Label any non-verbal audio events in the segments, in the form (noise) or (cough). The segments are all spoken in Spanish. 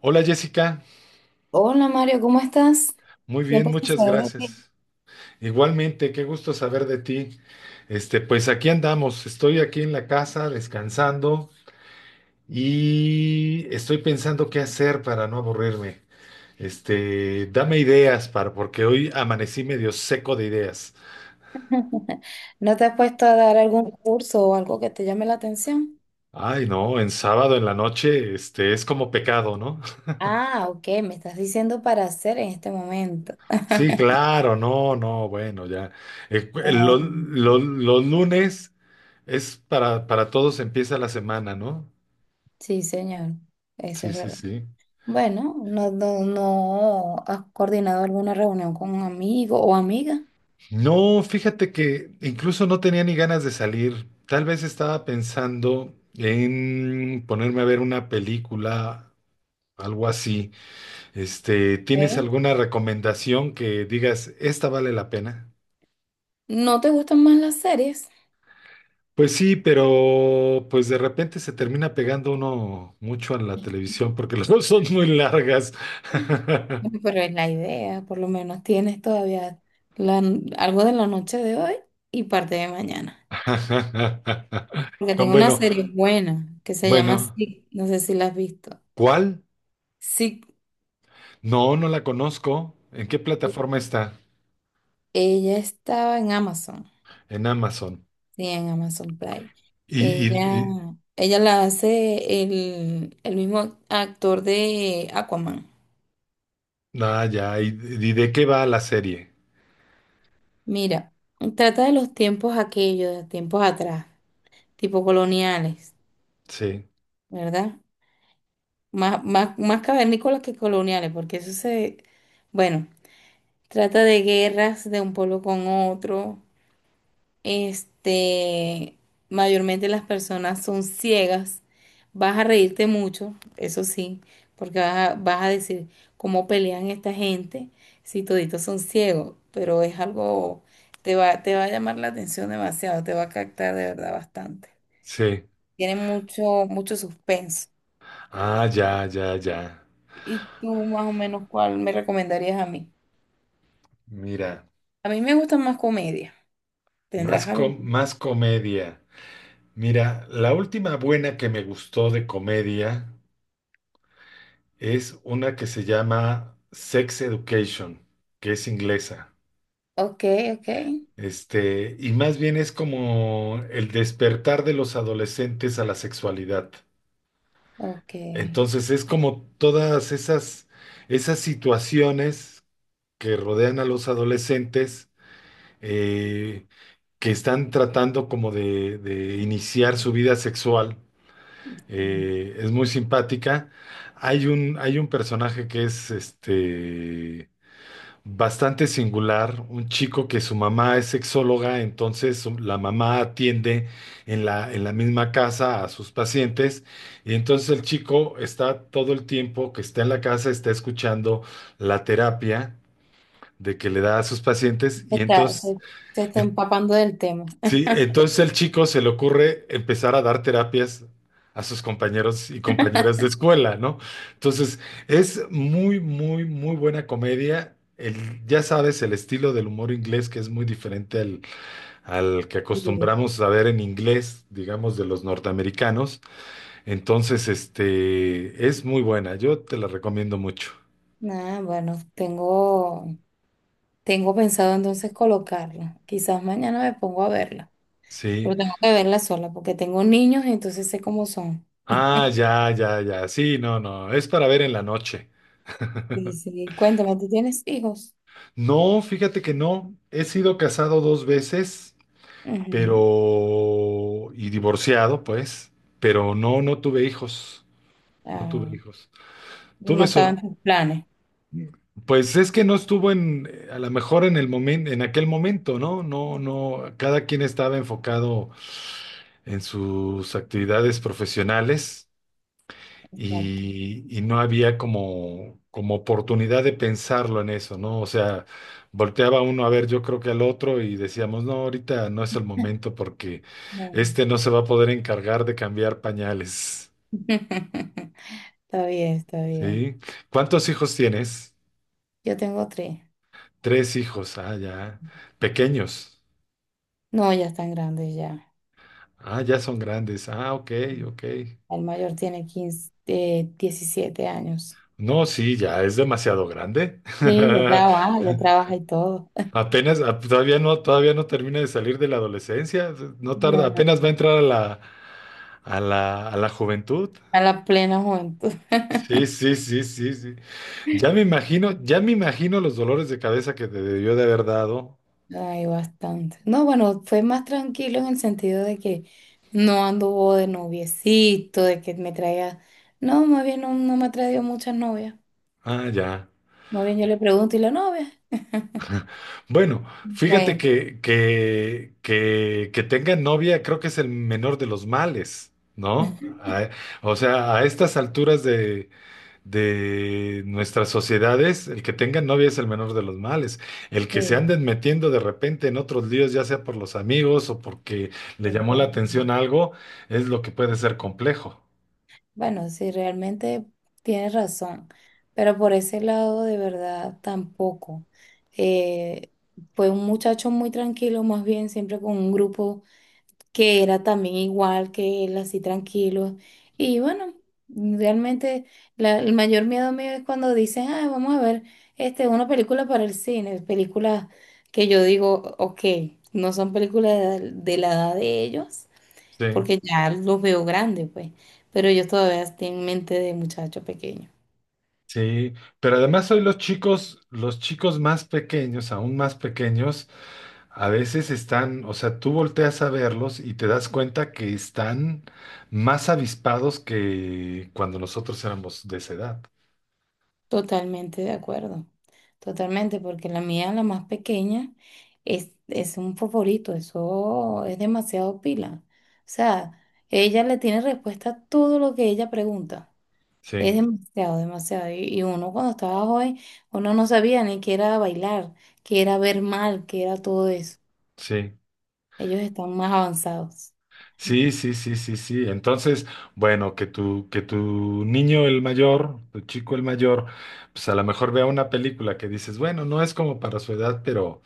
Hola Jessica, Hola Mario, ¿cómo estás? muy bien, Tiempo sin muchas saber de ti. gracias. Igualmente, qué gusto saber de ti. Pues aquí andamos, estoy aquí en la casa descansando y estoy pensando qué hacer para no aburrirme. Dame ideas para, porque hoy amanecí medio seco de ideas. (laughs) ¿No te has puesto a dar algún curso o algo que te llame la atención? Ay, no, en sábado en la noche, es como pecado, ¿no? (laughs) Ah, ok, me estás diciendo para hacer en este momento. Sí, claro, no, no, bueno, ya. Ah, ok. Los lunes es para todos empieza la semana, ¿no? Sí, señor, eso Sí, es sí, verdad. sí. Bueno, no, no, no has coordinado alguna reunión con un amigo o amiga. No, fíjate que incluso no tenía ni ganas de salir. Tal vez estaba pensando en ponerme a ver una película, algo así. ¿Tienes ¿Eh? alguna recomendación que digas, esta vale la pena? ¿No te gustan más las series? (laughs) Pues sí, pero pues de repente se termina pegando uno mucho a la televisión porque (laughs) las dos son muy largas. Bueno, (laughs) pero es la idea, por lo menos tienes todavía la- algo de la noche de hoy y parte de mañana. Porque Con tengo una bueno, serie buena que se llama bueno, Sick, no sé si la has visto. ¿cuál? Sick, No, no la conozco. ¿En qué plataforma está? ella estaba en Amazon, En Amazon. sí, en Amazon Prime. Y, y, Ella, y- ella la hace el mismo actor de Aquaman. ah, ya, ¿y, y de qué va la serie? Mira, trata de los tiempos aquellos, de tiempos atrás, tipo coloniales, Sí, ¿verdad? Más cavernícolas que coloniales, porque bueno, trata de guerras de un pueblo con otro. Este, mayormente las personas son ciegas. Vas a reírte mucho, eso sí, porque vas a decir cómo pelean esta gente si toditos son ciegos, pero es algo, te va a llamar la atención demasiado, te va a captar de verdad bastante. sí. Tiene mucho suspenso. Ah, ya, ya, ya. ¿Y tú más o menos cuál me recomendarías a mí? Mira, A mí me gusta más comedia. más, ¿Tendrás algo? Más comedia. Mira, la última buena que me gustó de comedia es una que se llama Sex Education, que es inglesa. Ok, ok, Y más bien es como el despertar de los adolescentes a la sexualidad. ok. Entonces es como todas esas, esas situaciones que rodean a los adolescentes eh, que están tratando como de iniciar su vida sexual. Mm. Es muy simpática. Hay un personaje que es bastante singular, un chico que su mamá es sexóloga, la mamá atiende en en la misma casa a sus pacientes, y entonces el chico está todo el tiempo que está en la casa, está escuchando la terapia de que le da a sus pacientes, y Está, entonces, se, se está empapando del tema. sí, entonces el chico se le ocurre empezar a dar terapias a sus compañeros y compañeras de escuela, ¿no? Entonces, es muy, muy, muy buena comedia. El, ya sabes, el estilo del humor inglés que es muy diferente al, al que Sí. acostumbramos a ver en inglés, digamos, de los norteamericanos. Entonces, es muy buena. Yo te la recomiendo mucho. Ah, bueno, tengo pensado entonces colocarla. Quizás mañana me pongo a verla, Sí. pero tengo que verla sola porque tengo niños y entonces sé cómo son. Ah, ya, ya, ya. Sí, no, no. Es para ver en la noche. Sí, sí. Cuéntame, ¿tú tienes hijos? No, fíjate que no. He sido casado dos veces, Ujú. pero... y divorciado, pues, pero no, no tuve hijos. No Ah, tuve hijos. no Tuve estaba so- en tus planes. Pues es que no estuvo en, a lo mejor en el momento, en aquel momento, ¿no? No, no, cada quien estaba enfocado en sus actividades profesionales. Exacto. Y y, no había como, como oportunidad de pensarlo en eso, ¿no? O sea, volteaba uno a ver, yo creo que al otro y decíamos, no, ahorita no es el momento porque No. este no se va a poder encargar de cambiar pañales, (laughs) Está bien, está bien. ¿sí? ¿Cuántos hijos tienes? Yo tengo tres. Tres hijos, ah, ya, pequeños, No, ya están grandes ya. ah, ya son grandes, ah, ok, ok. El mayor tiene 15 17 años. No, sí, ya es demasiado grande. Sí, ya (laughs) trabaja y todo. Apenas, a- todavía no termina de salir de la adolescencia, no tarda, No, no, apenas va a entrar a a a la juventud. a la plena juventud. Sí, sí, sí, sí, sí. Ya me imagino los dolores de cabeza que te debió de haber dado. Hay bastante. No, bueno, fue más tranquilo en el sentido de que no anduvo de noviecito, de que me traía. No, más bien no, no me ha traído muchas novias. Ah, ya. Más bien yo le pregunto, ¿y la novia? (laughs) Bueno, fíjate Bueno, que tenga novia creo que es el menor de los males, ¿no? A- o sea, a estas alturas de nuestras sociedades, el que tenga novia es el menor de los males. El que se sí, anden metiendo de repente en otros líos, ya sea por los amigos o porque le llamó la ese. atención algo, es lo que puede ser complejo. Bueno, sí, realmente tienes razón, pero por ese lado de verdad tampoco. Eh, fue un muchacho muy tranquilo, más bien siempre con un grupo que era también igual que él, así tranquilo. Y bueno, realmente el mayor miedo mío es cuando dicen, ah, vamos a ver este, una película para el cine, películas que yo digo, ok, no son películas de la edad de ellos Sí, porque ya los veo grandes, pues, pero yo todavía estoy en mente de muchacho pequeño. sí. Pero además hoy los chicos más pequeños, aún más pequeños, a veces están, o sea, tú volteas a verlos y te das cuenta que están más avispados que cuando nosotros éramos de esa edad. Totalmente de acuerdo, totalmente, porque la mía, la más pequeña, es un favorito, eso es demasiado pila. O sea, ella le tiene respuesta a todo lo que ella pregunta. Es Sí, demasiado, demasiado. Y uno cuando estaba joven, uno no sabía ni qué era bailar, qué era ver mal, qué era todo eso. sí. Ellos están más avanzados. Sí, sí, sí, sí, sí. Entonces, bueno, que tu niño el mayor, tu chico el mayor, pues a lo mejor vea una película que dices, bueno, no es como para su edad,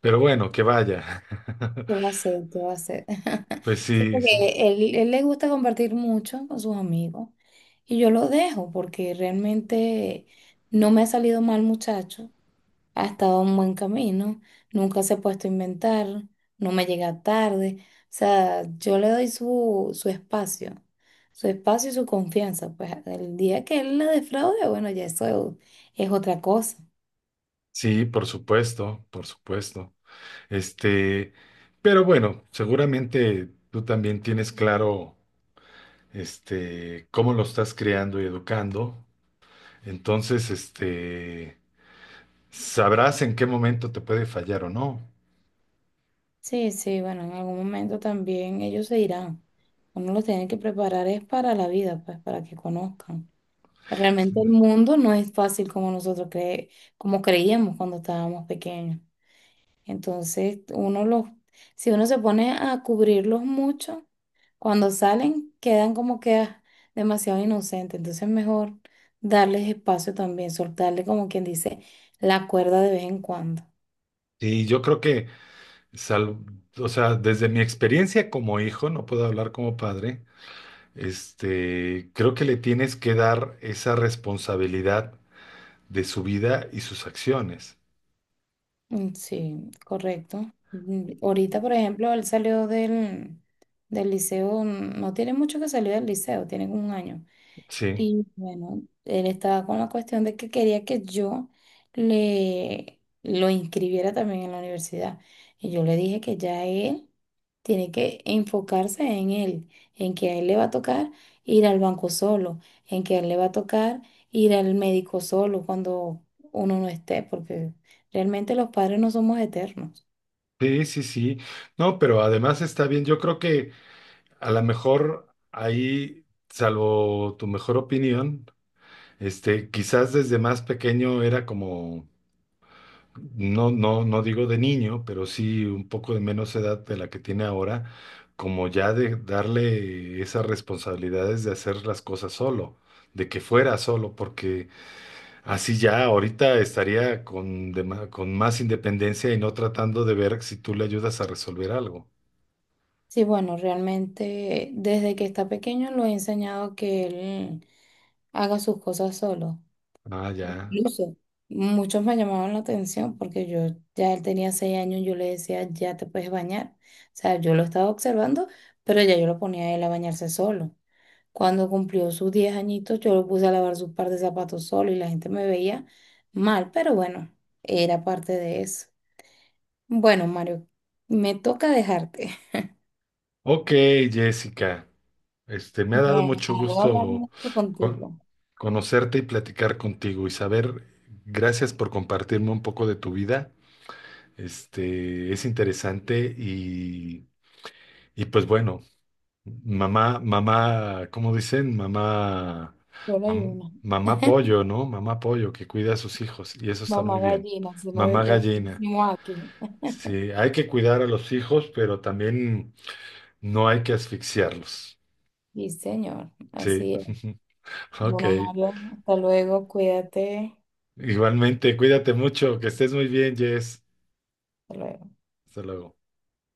pero bueno, que vaya. (laughs) ¿Qué va a hacer? ¿Qué va a hacer? (laughs) Pues Sí, sí, sí, porque él le gusta compartir mucho con sus amigos y yo lo dejo porque realmente no me ha salido mal muchacho, ha estado en buen camino, nunca se ha puesto a inventar, no me llega tarde, o sea, yo le doy su espacio y su confianza, pues el día que él la defraude, bueno, ya eso es otra cosa. sí, por supuesto, por supuesto. Este, pero bueno, seguramente tú también tienes claro, cómo lo estás criando y educando. Entonces, sabrás en qué momento te puede fallar o no. Sí, sí, bueno, en algún momento también ellos se irán. Uno los tiene que preparar es para la vida, pues, para que conozcan. Realmente el mundo no es fácil como como creíamos cuando estábamos pequeños. Entonces, si uno se pone a cubrirlos mucho, cuando salen quedan como que ah, demasiado inocentes. Entonces, mejor darles espacio también, soltarle como quien dice la cuerda de vez en cuando. Sí, yo creo que, sal- o sea, desde mi experiencia como hijo, no puedo hablar como padre, creo que le tienes que dar esa responsabilidad de su vida y sus acciones. Mm, sí, correcto. Mm, ahorita, por ejemplo, del liceo, mm, no tiene mucho que salir del liceo, tiene como un año. Sí, Y bueno, él estaba con la cuestión de que quería que yo le lo inscribiera también en la universidad. Y yo le dije que ya él tiene que enfocarse en él, en que a él le va a tocar ir al banco solo, en que a él le va a tocar ir al médico solo cuando uno no esté, porque realmente los padres no somos eternos. sí, sí, sí. No, pero además está bien. Yo creo que a lo mejor ahí, salvo tu mejor opinión, quizás desde más pequeño era como no, no, no digo de niño, pero sí un poco de menos edad de la que tiene ahora, como ya de darle esas responsabilidades de hacer las cosas solo, de que fuera solo, porque así ya ahorita estaría con, con más independencia y no tratando de ver si tú le ayudas a resolver algo. Sí, bueno, realmente desde que está pequeño lo he enseñado que él haga sus cosas solo. Ah, ya. Incluso muchos me llamaban la atención porque yo él tenía 6 años, yo le decía, ya te puedes bañar. O sea, yo lo estaba observando, pero ya yo lo ponía a él a bañarse solo. Cuando cumplió sus 10 añitos, yo lo puse a lavar sus par de zapatos solo y la gente me veía mal, pero bueno, era parte de eso. Bueno, Mario, me toca dejarte. (laughs) Ok, Jessica. Me ha Me dado mucho voy hablar gusto mucho con- contigo. conocerte y platicar contigo, y saber. Gracias por compartirme un poco de tu vida. Es interesante y pues bueno, mamá, mamá, ¿cómo dicen? Mamá, Solo hay mam- una. mamá pollo, ¿no? Mamá pollo que cuida a sus hijos y eso está Mamá muy bien. gallina, si lo Mamá gallina. decimos aquí. Sí, hay que cuidar a los hijos, pero también no hay que asfixiarlos. Sí, señor, Sí, así es. (laughs) ok. Bueno, Mario, hasta luego, cuídate. Igualmente, cuídate mucho, que estés muy bien, Jess. Hasta luego. Hasta luego.